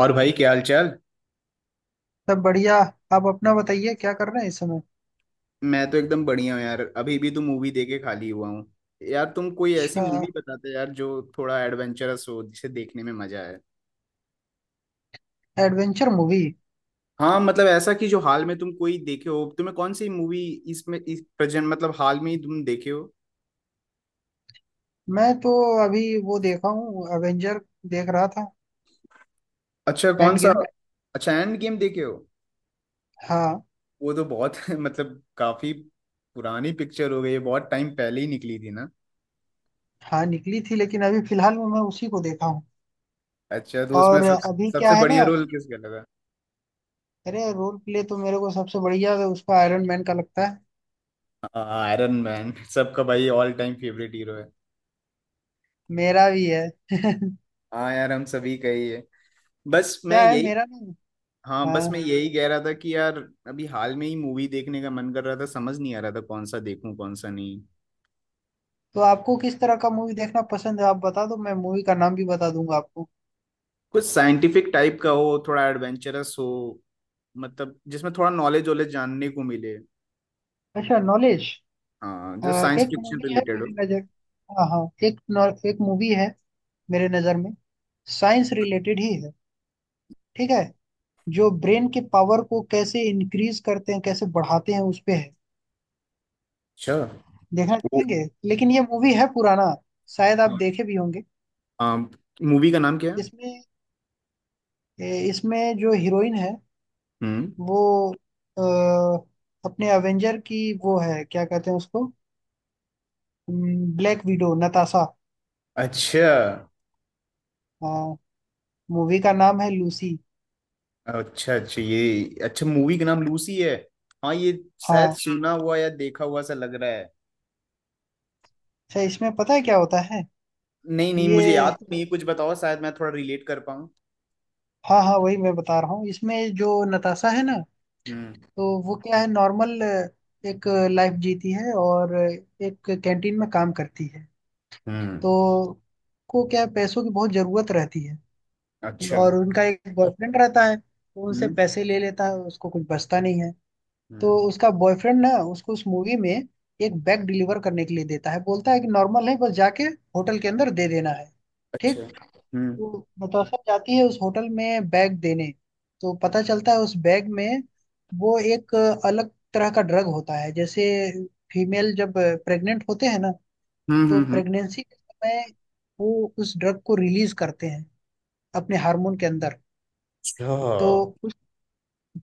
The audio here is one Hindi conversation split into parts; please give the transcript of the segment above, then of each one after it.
और भाई क्या हाल चाल। सब बढ़िया। आप अपना बताइए क्या कर रहे हैं इस समय। मैं तो एकदम बढ़िया हूँ यार, अभी भी तो मूवी देख के खाली हुआ हूँ। यार तुम कोई ऐसी अच्छा। मूवी बताते यार जो थोड़ा एडवेंचरस हो जिसे देखने में मजा आए। Adventure movie. हाँ मतलब ऐसा कि जो हाल में तुम कोई देखे हो, तुम्हें कौन सी मूवी इसमें, इस प्रेजेंट मतलब हाल में ही तुम देखे हो। मैं तो अभी वो देखा हूँ एवेंजर। देख रहा था। अच्छा कौन एंड सा। गेम। अच्छा एंड गेम देखे हो। हाँ। वो तो बहुत मतलब काफी पुरानी पिक्चर हो गई है, बहुत टाइम पहले ही निकली थी ना। हाँ निकली थी लेकिन अभी फिलहाल में मैं उसी को देखा हूँ। अच्छा तो उसमें और सब अभी क्या सबसे है ना। बढ़िया रोल किसका लगा। अरे रोल प्ले तो मेरे को सबसे बढ़िया उसका आयरन मैन का लगता है। आयरन मैन सबका भाई ऑल टाइम फेवरेट हीरो है। मेरा भी है। हाँ यार हम सभी का ही है, बस मैं क्या है यही। मेरा नहीं। हाँ बस हाँ। मैं यही कह रहा था कि यार अभी हाल में ही मूवी देखने का मन कर रहा था, समझ नहीं आ रहा था कौन सा देखूं कौन सा नहीं। तो आपको किस तरह का मूवी देखना पसंद है, आप बता दो, मैं मूवी का नाम भी बता दूंगा आपको। कुछ साइंटिफिक टाइप का हो थोड़ा एडवेंचरस हो, मतलब जिसमें थोड़ा नॉलेज वॉलेज जानने को मिले। अच्छा, नॉलेज। हाँ जो साइंस एक फिक्शन मूवी है रिलेटेड हो। मेरी नजर। हाँ हाँ। एक मूवी है मेरे नजर में। साइंस रिलेटेड ही है। ठीक है। जो ब्रेन के पावर को कैसे इंक्रीज करते हैं, कैसे बढ़ाते हैं उस पे है। अच्छा। देखना वो- चाहेंगे। लेकिन ये मूवी है पुराना, शायद आप हाँ देखे भी होंगे। हाँ। मूवी का नाम क्या है। इसमें इसमें जो हीरोइन है हम्म। वो आ, अपने अवेंजर की वो है, क्या कहते हैं उसको, ब्लैक विडो नताशा। अच्छा मूवी का नाम है लूसी। अच्छा। अच्छा ये अच्छा मूवी का नाम लूसी है। हाँ ये शायद हाँ। सुना हुआ या देखा हुआ सा लग रहा है। अच्छा, इसमें पता है क्या होता है नहीं नहीं ये। मुझे याद तो नहीं है, कुछ बताओ शायद मैं थोड़ा रिलेट कर पाऊँ। हाँ हाँ, वही मैं बता रहा हूँ। इसमें जो नताशा है ना, हम्म तो वो क्या है, नॉर्मल एक लाइफ जीती है और एक कैंटीन में काम करती है। हम्म। तो को क्या है, पैसों की बहुत जरूरत रहती है। अच्छा। और उनका एक बॉयफ्रेंड रहता है तो उनसे हम्म पैसे ले लेता है, उसको कुछ बचता नहीं है। तो हम्म। उसका बॉयफ्रेंड ना उसको उस मूवी में एक बैग डिलीवर करने के लिए देता है, बोलता है कि नॉर्मल है, बस जाके होटल के अंदर दे देना है। अच्छा। ठीक। वो नताशा जाती है उस होटल में बैग देने, तो पता हम्म चलता है उस बैग में वो एक अलग तरह का ड्रग होता है। जैसे फीमेल जब प्रेग्नेंट होते हैं ना, हम्म तो हम्म, हम्म। प्रेगनेंसी के समय वो उस ड्रग को रिलीज करते हैं अपने हार्मोन के अंदर। अच्छा तो उस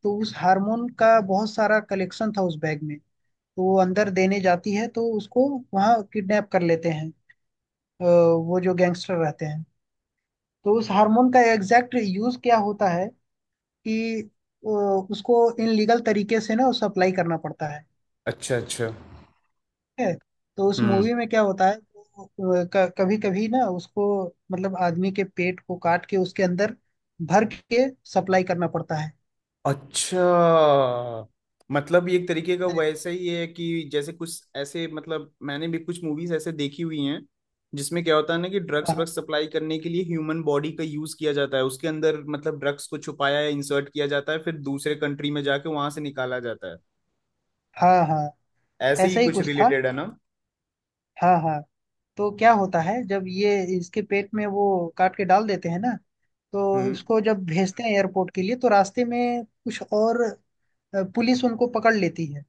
तो उस हार्मोन का बहुत सारा कलेक्शन था उस बैग में। तो वो अंदर देने जाती है तो उसको वहाँ किडनैप कर लेते हैं, अ, वो जो गैंगस्टर रहते हैं। तो उस हार्मोन का एग्जैक्ट यूज क्या होता है कि उसको इन लीगल तरीके से ना उसे अप्लाई करना पड़ता है। अच्छा। अच्छा। ठीक है। तो उस हम्म। मूवी में क्या होता है, कभी कभी ना उसको मतलब आदमी के पेट को काट के उसके अंदर भर के सप्लाई करना पड़ता है। अच्छा मतलब ये एक तरीके का अरे, वैसा ही है कि जैसे कुछ ऐसे मतलब मैंने भी कुछ मूवीज ऐसे देखी हुई हैं जिसमें क्या होता है ना कि ड्रग्स हाँ व्रग्स सप्लाई करने के लिए ह्यूमन बॉडी का यूज किया जाता है, उसके अंदर मतलब ड्रग्स को छुपाया या इंसर्ट किया जाता है, फिर दूसरे कंट्री में जाके वहां से निकाला जाता है। हाँ हाँ, ऐसे ही ऐसा ही कुछ कुछ था। रिलेटेड है ना। हाँ हाँ। तो क्या होता है जब ये इसके पेट में वो काट के डाल देते हैं ना, तो हम्म। इसको जब भेजते हैं एयरपोर्ट के लिए तो रास्ते में कुछ और पुलिस उनको पकड़ लेती है।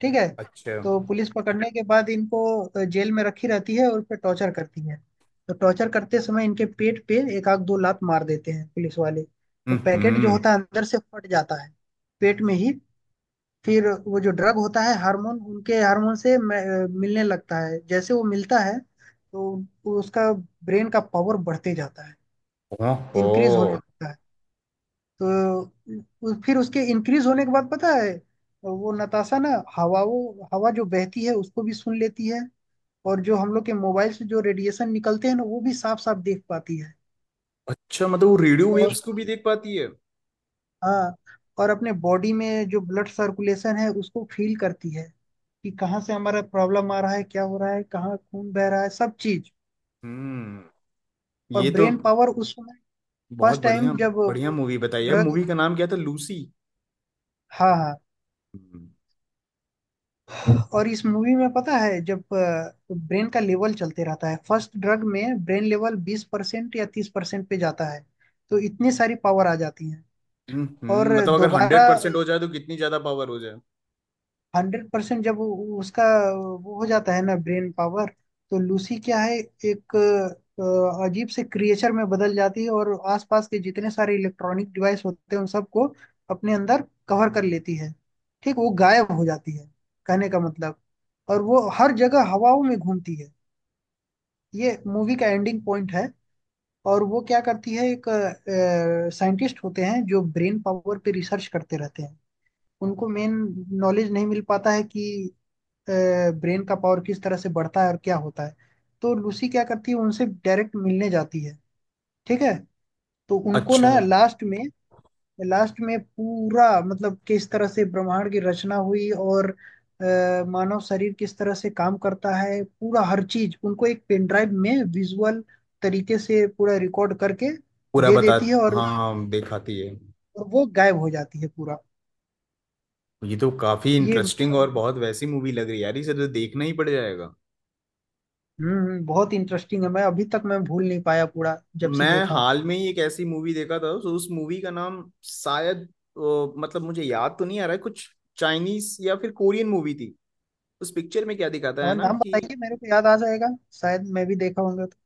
ठीक है। अच्छा। तो पुलिस पकड़ने के बाद इनको जेल में रखी रहती है और फिर टॉर्चर करती है। तो टॉर्चर करते समय इनके पेट पे एक आध दो लात मार देते हैं पुलिस वाले, तो पैकेट जो हम्म। होता है अंदर से फट जाता है, पेट में ही। फिर वो जो ड्रग होता है हार्मोन, उनके हार्मोन से मिलने लगता है। जैसे वो मिलता है तो उसका ब्रेन का पावर बढ़ते जाता है, ओहो। इंक्रीज होने लगता है। तो फिर उसके इंक्रीज होने के बाद, पता है, वो नताशा ना हवा, वो हवा जो बहती है उसको भी सुन लेती है। और जो हम लोग के मोबाइल से जो रेडिएशन निकलते हैं ना, वो भी साफ साफ देख पाती है। अच्छा मतलब वो रेडियो और वेव्स को भी देख पाती है। हाँ, और अपने बॉडी में जो ब्लड सर्कुलेशन है उसको फील करती है कि कहाँ से हमारा प्रॉब्लम आ रहा है, क्या हो रहा है, कहाँ खून बह रहा है, सब चीज। हम्म। और ये तो ब्रेन पावर उस समय बहुत फर्स्ट टाइम बढ़िया। जब बढ़िया वो मूवी बताई है, ड्रग। मूवी का नाम क्या था लूसी। हाँ हाँ। हम्म। और इस मूवी में पता है, जब ब्रेन का लेवल चलते रहता है, फर्स्ट ड्रग में ब्रेन लेवल 20% या 30% पे जाता है, तो इतनी सारी पावर आ जाती है। और मतलब अगर दोबारा 100% हो जाए तो कितनी ज्यादा पावर हो जाए। 100% जब उसका वो हो जाता है ना ब्रेन पावर, तो लूसी क्या है, एक अजीब से क्रिएचर में बदल जाती है और आसपास के जितने सारे इलेक्ट्रॉनिक डिवाइस होते हैं उन सबको अपने अंदर कवर कर लेती है। ठीक, वो गायब हो जाती है, कहने का मतलब। और वो हर जगह हवाओं में घूमती है। ये मूवी का एंडिंग पॉइंट है। और वो क्या करती है, एक साइंटिस्ट होते हैं जो ब्रेन पावर पे रिसर्च करते रहते हैं, उनको मेन नॉलेज नहीं मिल पाता है कि ब्रेन का पावर किस तरह से बढ़ता है और क्या होता है। तो लूसी क्या करती है उनसे डायरेक्ट मिलने जाती है। ठीक है। तो उनको ना, अच्छा। लास्ट में, लास्ट में पूरा मतलब किस तरह से ब्रह्मांड की रचना हुई और मानव शरीर किस तरह से काम करता है, पूरा हर चीज उनको एक पेन ड्राइव में विजुअल तरीके से पूरा रिकॉर्ड करके पूरा दे बता। देती है, और, हाँ हाँ दिखाती है। और वो गायब हो जाती है पूरा। ये तो काफी ये इंटरेस्टिंग और मतलब बहुत वैसी मूवी लग रही है यार, इसे तो देखना ही पड़ जाएगा। हम्म, बहुत इंटरेस्टिंग है। मैं अभी तक मैं भूल नहीं पाया पूरा, जब से मैं देखा हूँ। हाल में ही एक ऐसी मूवी देखा था तो उस मूवी का नाम शायद मतलब मुझे याद तो नहीं आ रहा है कुछ। चाइनीस या फिर कोरियन मूवी थी। उस पिक्चर में क्या दिखाता है और ना नाम कि बताइए, मेरे को याद आ जाएगा, शायद मैं भी देखा होगा तो।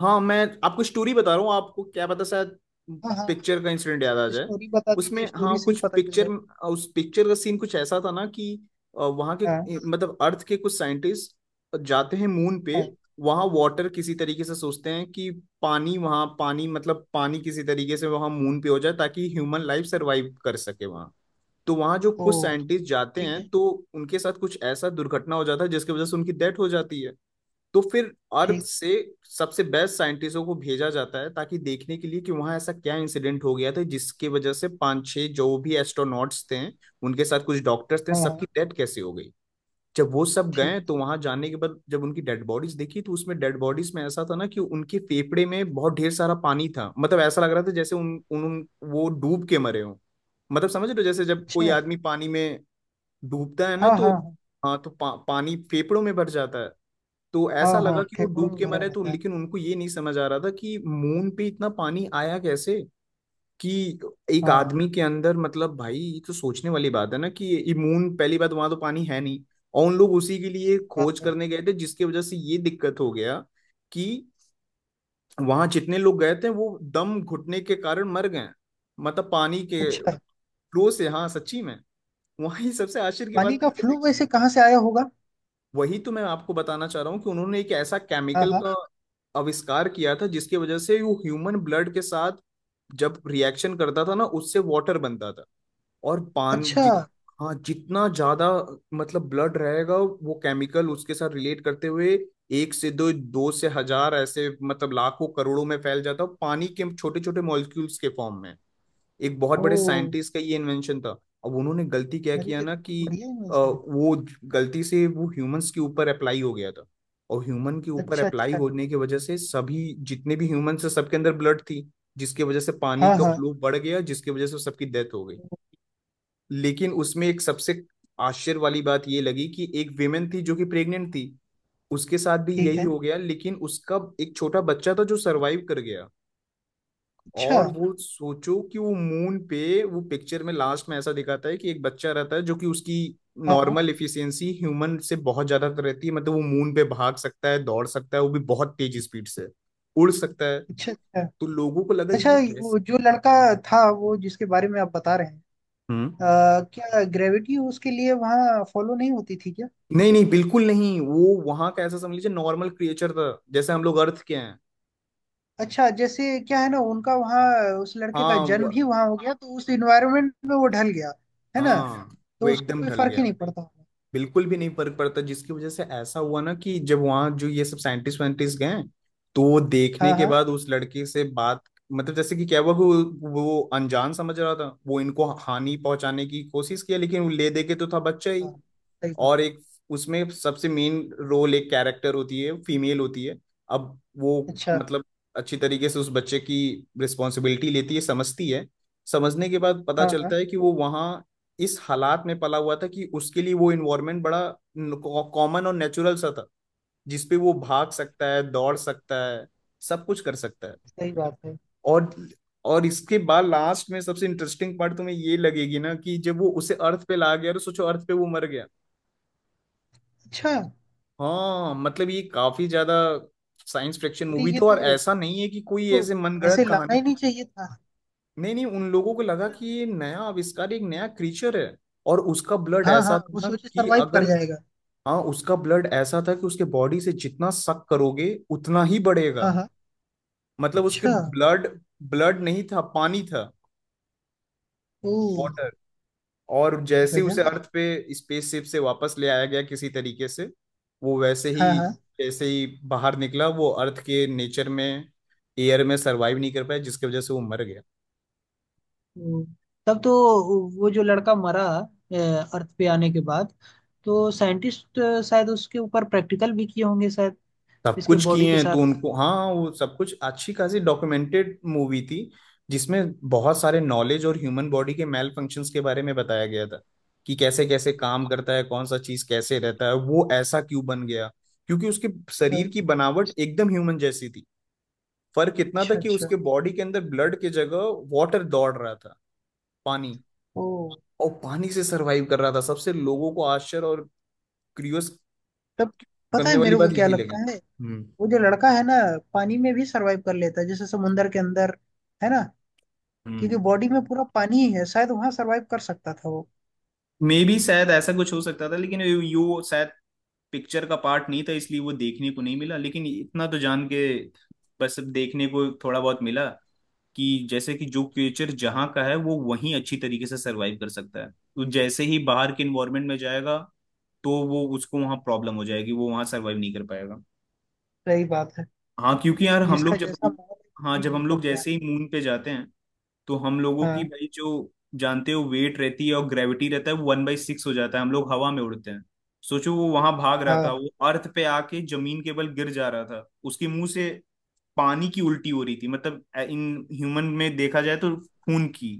हाँ मैं आपको स्टोरी बता रहा हूँ, आपको क्या पता शायद हाँ हाँ। पिक्चर का इंसिडेंट याद आ जाए। स्टोरी बता उसमें दीजिए, स्टोरी हाँ से ही कुछ पता चल पिक्चर जाएगा। उस पिक्चर का सीन कुछ ऐसा था ना कि वहाँ हाँ के मतलब अर्थ के कुछ साइंटिस्ट जाते हैं मून पे। हाँ। वहाँ वाटर किसी तरीके से सोचते हैं कि पानी वहाँ, पानी मतलब पानी किसी तरीके से वहाँ मून पे हो जाए ताकि ह्यूमन लाइफ सरवाइव कर सके वहाँ। तो वहाँ जो ओ। कुछ साइंटिस्ट जाते ठीक हैं है। तो उनके साथ कुछ ऐसा दुर्घटना हो जाता है जिसकी वजह से उनकी डेथ हो जाती है। तो फिर अर्थ ठीक। से सबसे बेस्ट साइंटिस्टों को भेजा जाता है ताकि देखने के लिए कि वहां ऐसा क्या इंसिडेंट हो गया था जिसकी वजह से पांच छह जो भी एस्ट्रोनॉट्स थे, उनके साथ कुछ डॉक्टर्स थे, हाँ हाँ। सबकी डेथ कैसे हो गई। जब वो सब ठीक। गए तो वहां जाने के बाद जब उनकी डेड बॉडीज देखी तो उसमें डेड बॉडीज में ऐसा था ना कि उनके फेफड़े में बहुत ढेर सारा पानी था, मतलब ऐसा लग रहा था जैसे उन वो डूब के मरे हों। मतलब समझ रहे हो जैसे जब अच्छा। कोई आदमी पानी में डूबता है ना हाँ तो हाँ हाँ तो पानी फेफड़ों में भर जाता है। तो हाँ ऐसा हाँ लगा हाँ, कि वो फेफड़ों डूब में के भरा मरे तो रहता है। लेकिन उनको ये नहीं समझ आ रहा था कि मून पे इतना पानी आया कैसे, कि एक हाँ आदमी के अंदर मतलब भाई ये तो सोचने वाली बात है ना कि ये मून पहली बात वहां तो पानी है नहीं। और उन लोग उसी के लिए बात खोज है। करने गए थे जिसकी वजह से ये दिक्कत हो गया कि वहां जितने लोग गए थे वो दम घुटने के कारण मर गए, मतलब पानी के अच्छा, फ्लो से। हाँ सच्ची में वहां ये सबसे आश्चर्य की पानी बात तो का ये फ्लू है। वैसे कहाँ से आया होगा। वही तो मैं आपको बताना चाह रहा हूँ कि उन्होंने एक ऐसा हाँ केमिकल हाँ। का आविष्कार किया था जिसकी वजह से वो ह्यूमन ब्लड के साथ जब रिएक्शन करता था ना उससे वाटर बनता था। और पान अच्छा। जित हाँ जितना ज्यादा मतलब ब्लड रहेगा वो केमिकल उसके साथ रिलेट करते हुए एक से दो, दो से हजार ऐसे मतलब लाखों करोड़ों में फैल जाता है पानी के छोटे छोटे मॉलिक्यूल्स के फॉर्म में। एक बहुत ओ। बड़े साइंटिस्ट का ये इन्वेंशन था। अब उन्होंने गलती क्या अरे किया ये ना तो बहुत कि बढ़िया इन्वेंशन है। वो गलती से वो ह्यूमंस के ऊपर अप्लाई हो गया था। और ह्यूमन के ऊपर अच्छा अप्लाई अच्छा। होने की वजह से सभी जितने भी ह्यूमंस थे सबके अंदर ब्लड थी जिसकी वजह से पानी हाँ का हाँ। फ्लो बढ़ गया जिसकी वजह से सबकी डेथ हो गई। ओ। लेकिन उसमें एक सबसे आश्चर्य वाली बात ये लगी कि एक विमेन थी जो कि प्रेग्नेंट थी, उसके साथ भी ठीक यही है। हो गया लेकिन उसका एक छोटा बच्चा था जो सरवाइव कर गया। अच्छा। और वो सोचो कि वो मून पे, वो पिक्चर में लास्ट में ऐसा दिखाता है कि एक बच्चा रहता है जो कि उसकी हाँ हाँ। नॉर्मल इफिशियंसी ह्यूमन से बहुत ज्यादा रहती है, मतलब वो मून पे भाग सकता है दौड़ सकता है वो भी बहुत तेज स्पीड से उड़ सकता है। अच्छा अच्छा। तो लोगों को लगा अच्छा, ये कैसे। वो जो लड़का था, वो जिसके बारे में आप बता रहे हैं, हम्म। अ, क्या ग्रेविटी उसके लिए वहाँ फॉलो नहीं होती थी क्या। नहीं नहीं बिल्कुल नहीं, वो वहां का ऐसा समझ लीजिए नॉर्मल क्रिएचर था जैसे हम लोग अर्थ के हैं। अच्छा, जैसे क्या है ना, उनका वहाँ उस लड़के का हाँ जन्म वो ही वहाँ हो गया, तो उस इन्वायरमेंट में वो ढल गया, है ना, हाँ वो तो उसको एकदम कोई ढल फर्क ही गया, नहीं पड़ता होगा। बिल्कुल भी नहीं फर्क पड़ता जिसकी वजह से ऐसा हुआ ना कि जब वहां जो ये सब साइंटिस्ट वाइंटिस्ट गए तो वो देखने हाँ के हाँ बाद उस लड़के से बात, मतलब जैसे कि क्या हुआ कि वो अनजान समझ रहा था वो इनको हानि पहुंचाने की कोशिश किया लेकिन वो ले दे के तो था बच्चा ही। हाँ। सही बात। और एक उसमें सबसे मेन रोल एक कैरेक्टर होती है फीमेल होती है। अब वो अच्छा। मतलब अच्छी तरीके से उस बच्चे की रिस्पॉन्सिबिलिटी लेती है समझती है। समझने के बाद पता हाँ हाँ। चलता है कि वो वहाँ इस हालात में पला हुआ था कि उसके लिए वो इन्वायरमेंट बड़ा कॉमन और नेचुरल सा था जिसपे वो भाग सकता है दौड़ सकता है सब कुछ कर सकता है। सही बात है। और और इसके बाद लास्ट में सबसे इंटरेस्टिंग पार्ट तुम्हें ये लगेगी ना कि जब वो उसे अर्थ पे ला गया और सोचो अर्थ पे वो मर गया। अच्छा। हाँ मतलब ये काफी ज्यादा साइंस फिक्शन अरे मूवी ये थी और ऐसा नहीं है कि कोई तो ऐसे मनगढ़ंत ऐसे लाना कहानी ही थी। नहीं चाहिए था। नहीं नहीं उन लोगों को है लगा ना। कि ये नया आविष्कार एक नया क्रीचर है। और उसका ब्लड हाँ हाँ, ऐसा था वो ना सोचे कि सरवाइव कर अगर जाएगा। हाँ उसका ब्लड ऐसा था कि उसके बॉडी से जितना सक करोगे उतना ही हाँ बढ़ेगा। हाँ। मतलब उसके अच्छा। ब्लड ब्लड नहीं था पानी था ओ। वाटर। और जैसे उसे गजब। अर्थ पे स्पेसशिप से वापस ले आया गया किसी तरीके से वो वैसे ही हाँ हाँ। जैसे ही बाहर निकला वो अर्थ के नेचर में एयर में सरवाइव नहीं कर पाया जिसकी वजह से वो मर गया। हम्म, तब तो, वो जो लड़का मरा अ, अर्थ पे आने के बाद, तो साइंटिस्ट शायद उसके ऊपर प्रैक्टिकल भी किए होंगे शायद, सब इसके कुछ बॉडी किए के हैं साथ। तो उनको हाँ वो सब कुछ अच्छी खासी डॉक्यूमेंटेड मूवी थी जिसमें बहुत सारे नॉलेज और ह्यूमन बॉडी के मेल फंक्शंस के बारे में बताया गया था। कि कैसे कैसे काम करता है कौन सा चीज कैसे रहता है वो ऐसा क्यों बन गया क्योंकि उसके शरीर की बनावट एकदम ह्यूमन जैसी थी। फर्क इतना था अच्छा कि अच्छा। उसके बॉडी के अंदर ब्लड के जगह वाटर दौड़ रहा था, पानी। ओ। और पानी से सरवाइव कर रहा था, सबसे लोगों को आश्चर्य और क्यूरियस तब पता है करने वाली मेरे को बात क्या यही लगता लगी। है, हम्म वो जो लड़का है ना, पानी में भी सरवाइव कर लेता है, जैसे समुंदर के अंदर, है ना, क्योंकि हम्म। बॉडी में पूरा पानी ही है, शायद वहां सरवाइव कर सकता था वो। मे बी शायद ऐसा कुछ हो सकता था लेकिन यू यू शायद पिक्चर का पार्ट नहीं था इसलिए वो देखने को नहीं मिला लेकिन इतना तो जान के बस अब देखने को थोड़ा बहुत मिला। कि जैसे कि जो क्रिएचर जहाँ का है वो वहीं अच्छी तरीके से सरवाइव कर सकता है तो जैसे ही बाहर के इन्वायरमेंट में जाएगा तो वो उसको वहाँ प्रॉब्लम हो जाएगी, वो वहाँ सरवाइव नहीं कर पाएगा। सही बात है, हाँ क्योंकि यार हम जिसका लोग जब जैसा माहौल है, हाँ नहीं जब जी हम लोग सकता है। जैसे ही मून पे जाते हैं तो हम लोगों की हाँ भाई जो जानते हो वेट रहती है और ग्रेविटी रहता है वो 1/6 हो जाता है हम लोग हवा में उड़ते हैं। सोचो वो वहां भाग रहा हाँ था वो अर्थ पे आके जमीन के बल गिर जा रहा था उसके मुंह से पानी की उल्टी हो रही थी मतलब इन ह्यूमन में देखा जाए तो खून की,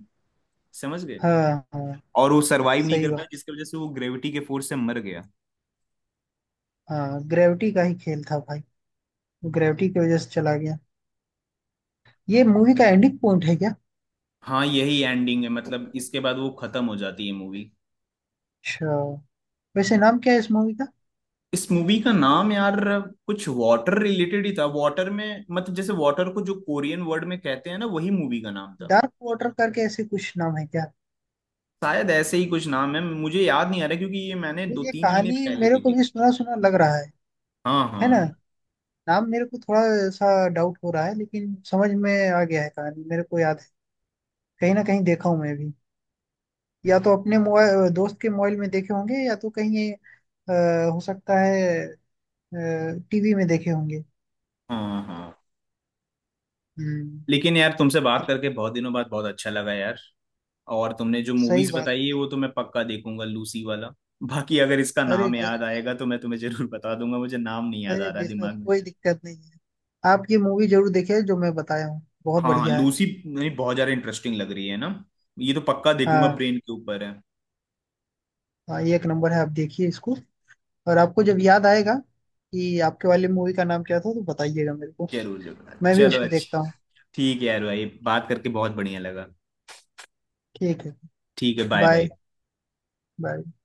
समझ गए। हाँ हाँ। और वो सरवाइव नहीं सही कर बात। पाया जिसकी वजह से वो ग्रेविटी के फोर्स से मर गया। हाँ, ग्रेविटी का ही खेल था भाई, ग्रेविटी की वजह से चला गया। ये मूवी का एंडिंग पॉइंट है क्या। हाँ यही एंडिंग है मतलब इसके बाद वो खत्म हो जाती है मूवी। अच्छा। वैसे नाम क्या है इस मूवी का, इस मूवी का नाम यार कुछ वाटर रिलेटेड ही था, वाटर में मतलब जैसे वाटर को जो कोरियन वर्ड में कहते हैं ना वही मूवी का नाम था। डार्क वाटर करके ऐसे कुछ नाम है क्या। शायद ऐसे ही कुछ नाम है मुझे याद नहीं आ रहा क्योंकि ये मैंने तो दो ये तीन महीने कहानी पहले मेरे को देखी भी थी। सुना सुना लग रहा है हाँ है ना। हाँ नाम मेरे को थोड़ा सा डाउट हो रहा है, लेकिन समझ में आ गया है, कहानी मेरे को याद है। कहीं ना कहीं देखा हूँ मैं भी, या तो अपने मोबाइल, दोस्त के मोबाइल में देखे होंगे या तो कहीं हो सकता है टीवी में देखे होंगे। हाँ हाँ हम्म। लेकिन यार तुमसे बात करके बहुत दिनों बाद बहुत अच्छा लगा यार। और तुमने जो सही मूवीज बात। बताई है वो तो मैं पक्का देखूंगा, लूसी वाला। बाकी अगर इसका अरे नाम याद आएगा तो मैं तुम्हें जरूर बता दूंगा, मुझे नाम नहीं याद आ अरे, रहा बेशक दिमाग में। कोई दिक्कत नहीं है। आप ये मूवी जरूर देखिए जो मैं बताया हूँ, बहुत हाँ हाँ बढ़िया है। लूसी नहीं बहुत ज्यादा इंटरेस्टिंग लग रही है ना, ये तो पक्का देखूंगा, हाँ ब्रेन के ऊपर है। हाँ, ये एक नंबर है, आप देखिए इसको। और आपको जब याद आएगा कि आपके वाली मूवी का नाम क्या था तो बताइएगा मेरे को, जरूर जरूर मैं भी चलो उसको देखता अच्छा। हूँ। ठीक है यार भाई बात करके बहुत बढ़िया लगा। ठीक है। ठीक है बाय बाय। Bye bye.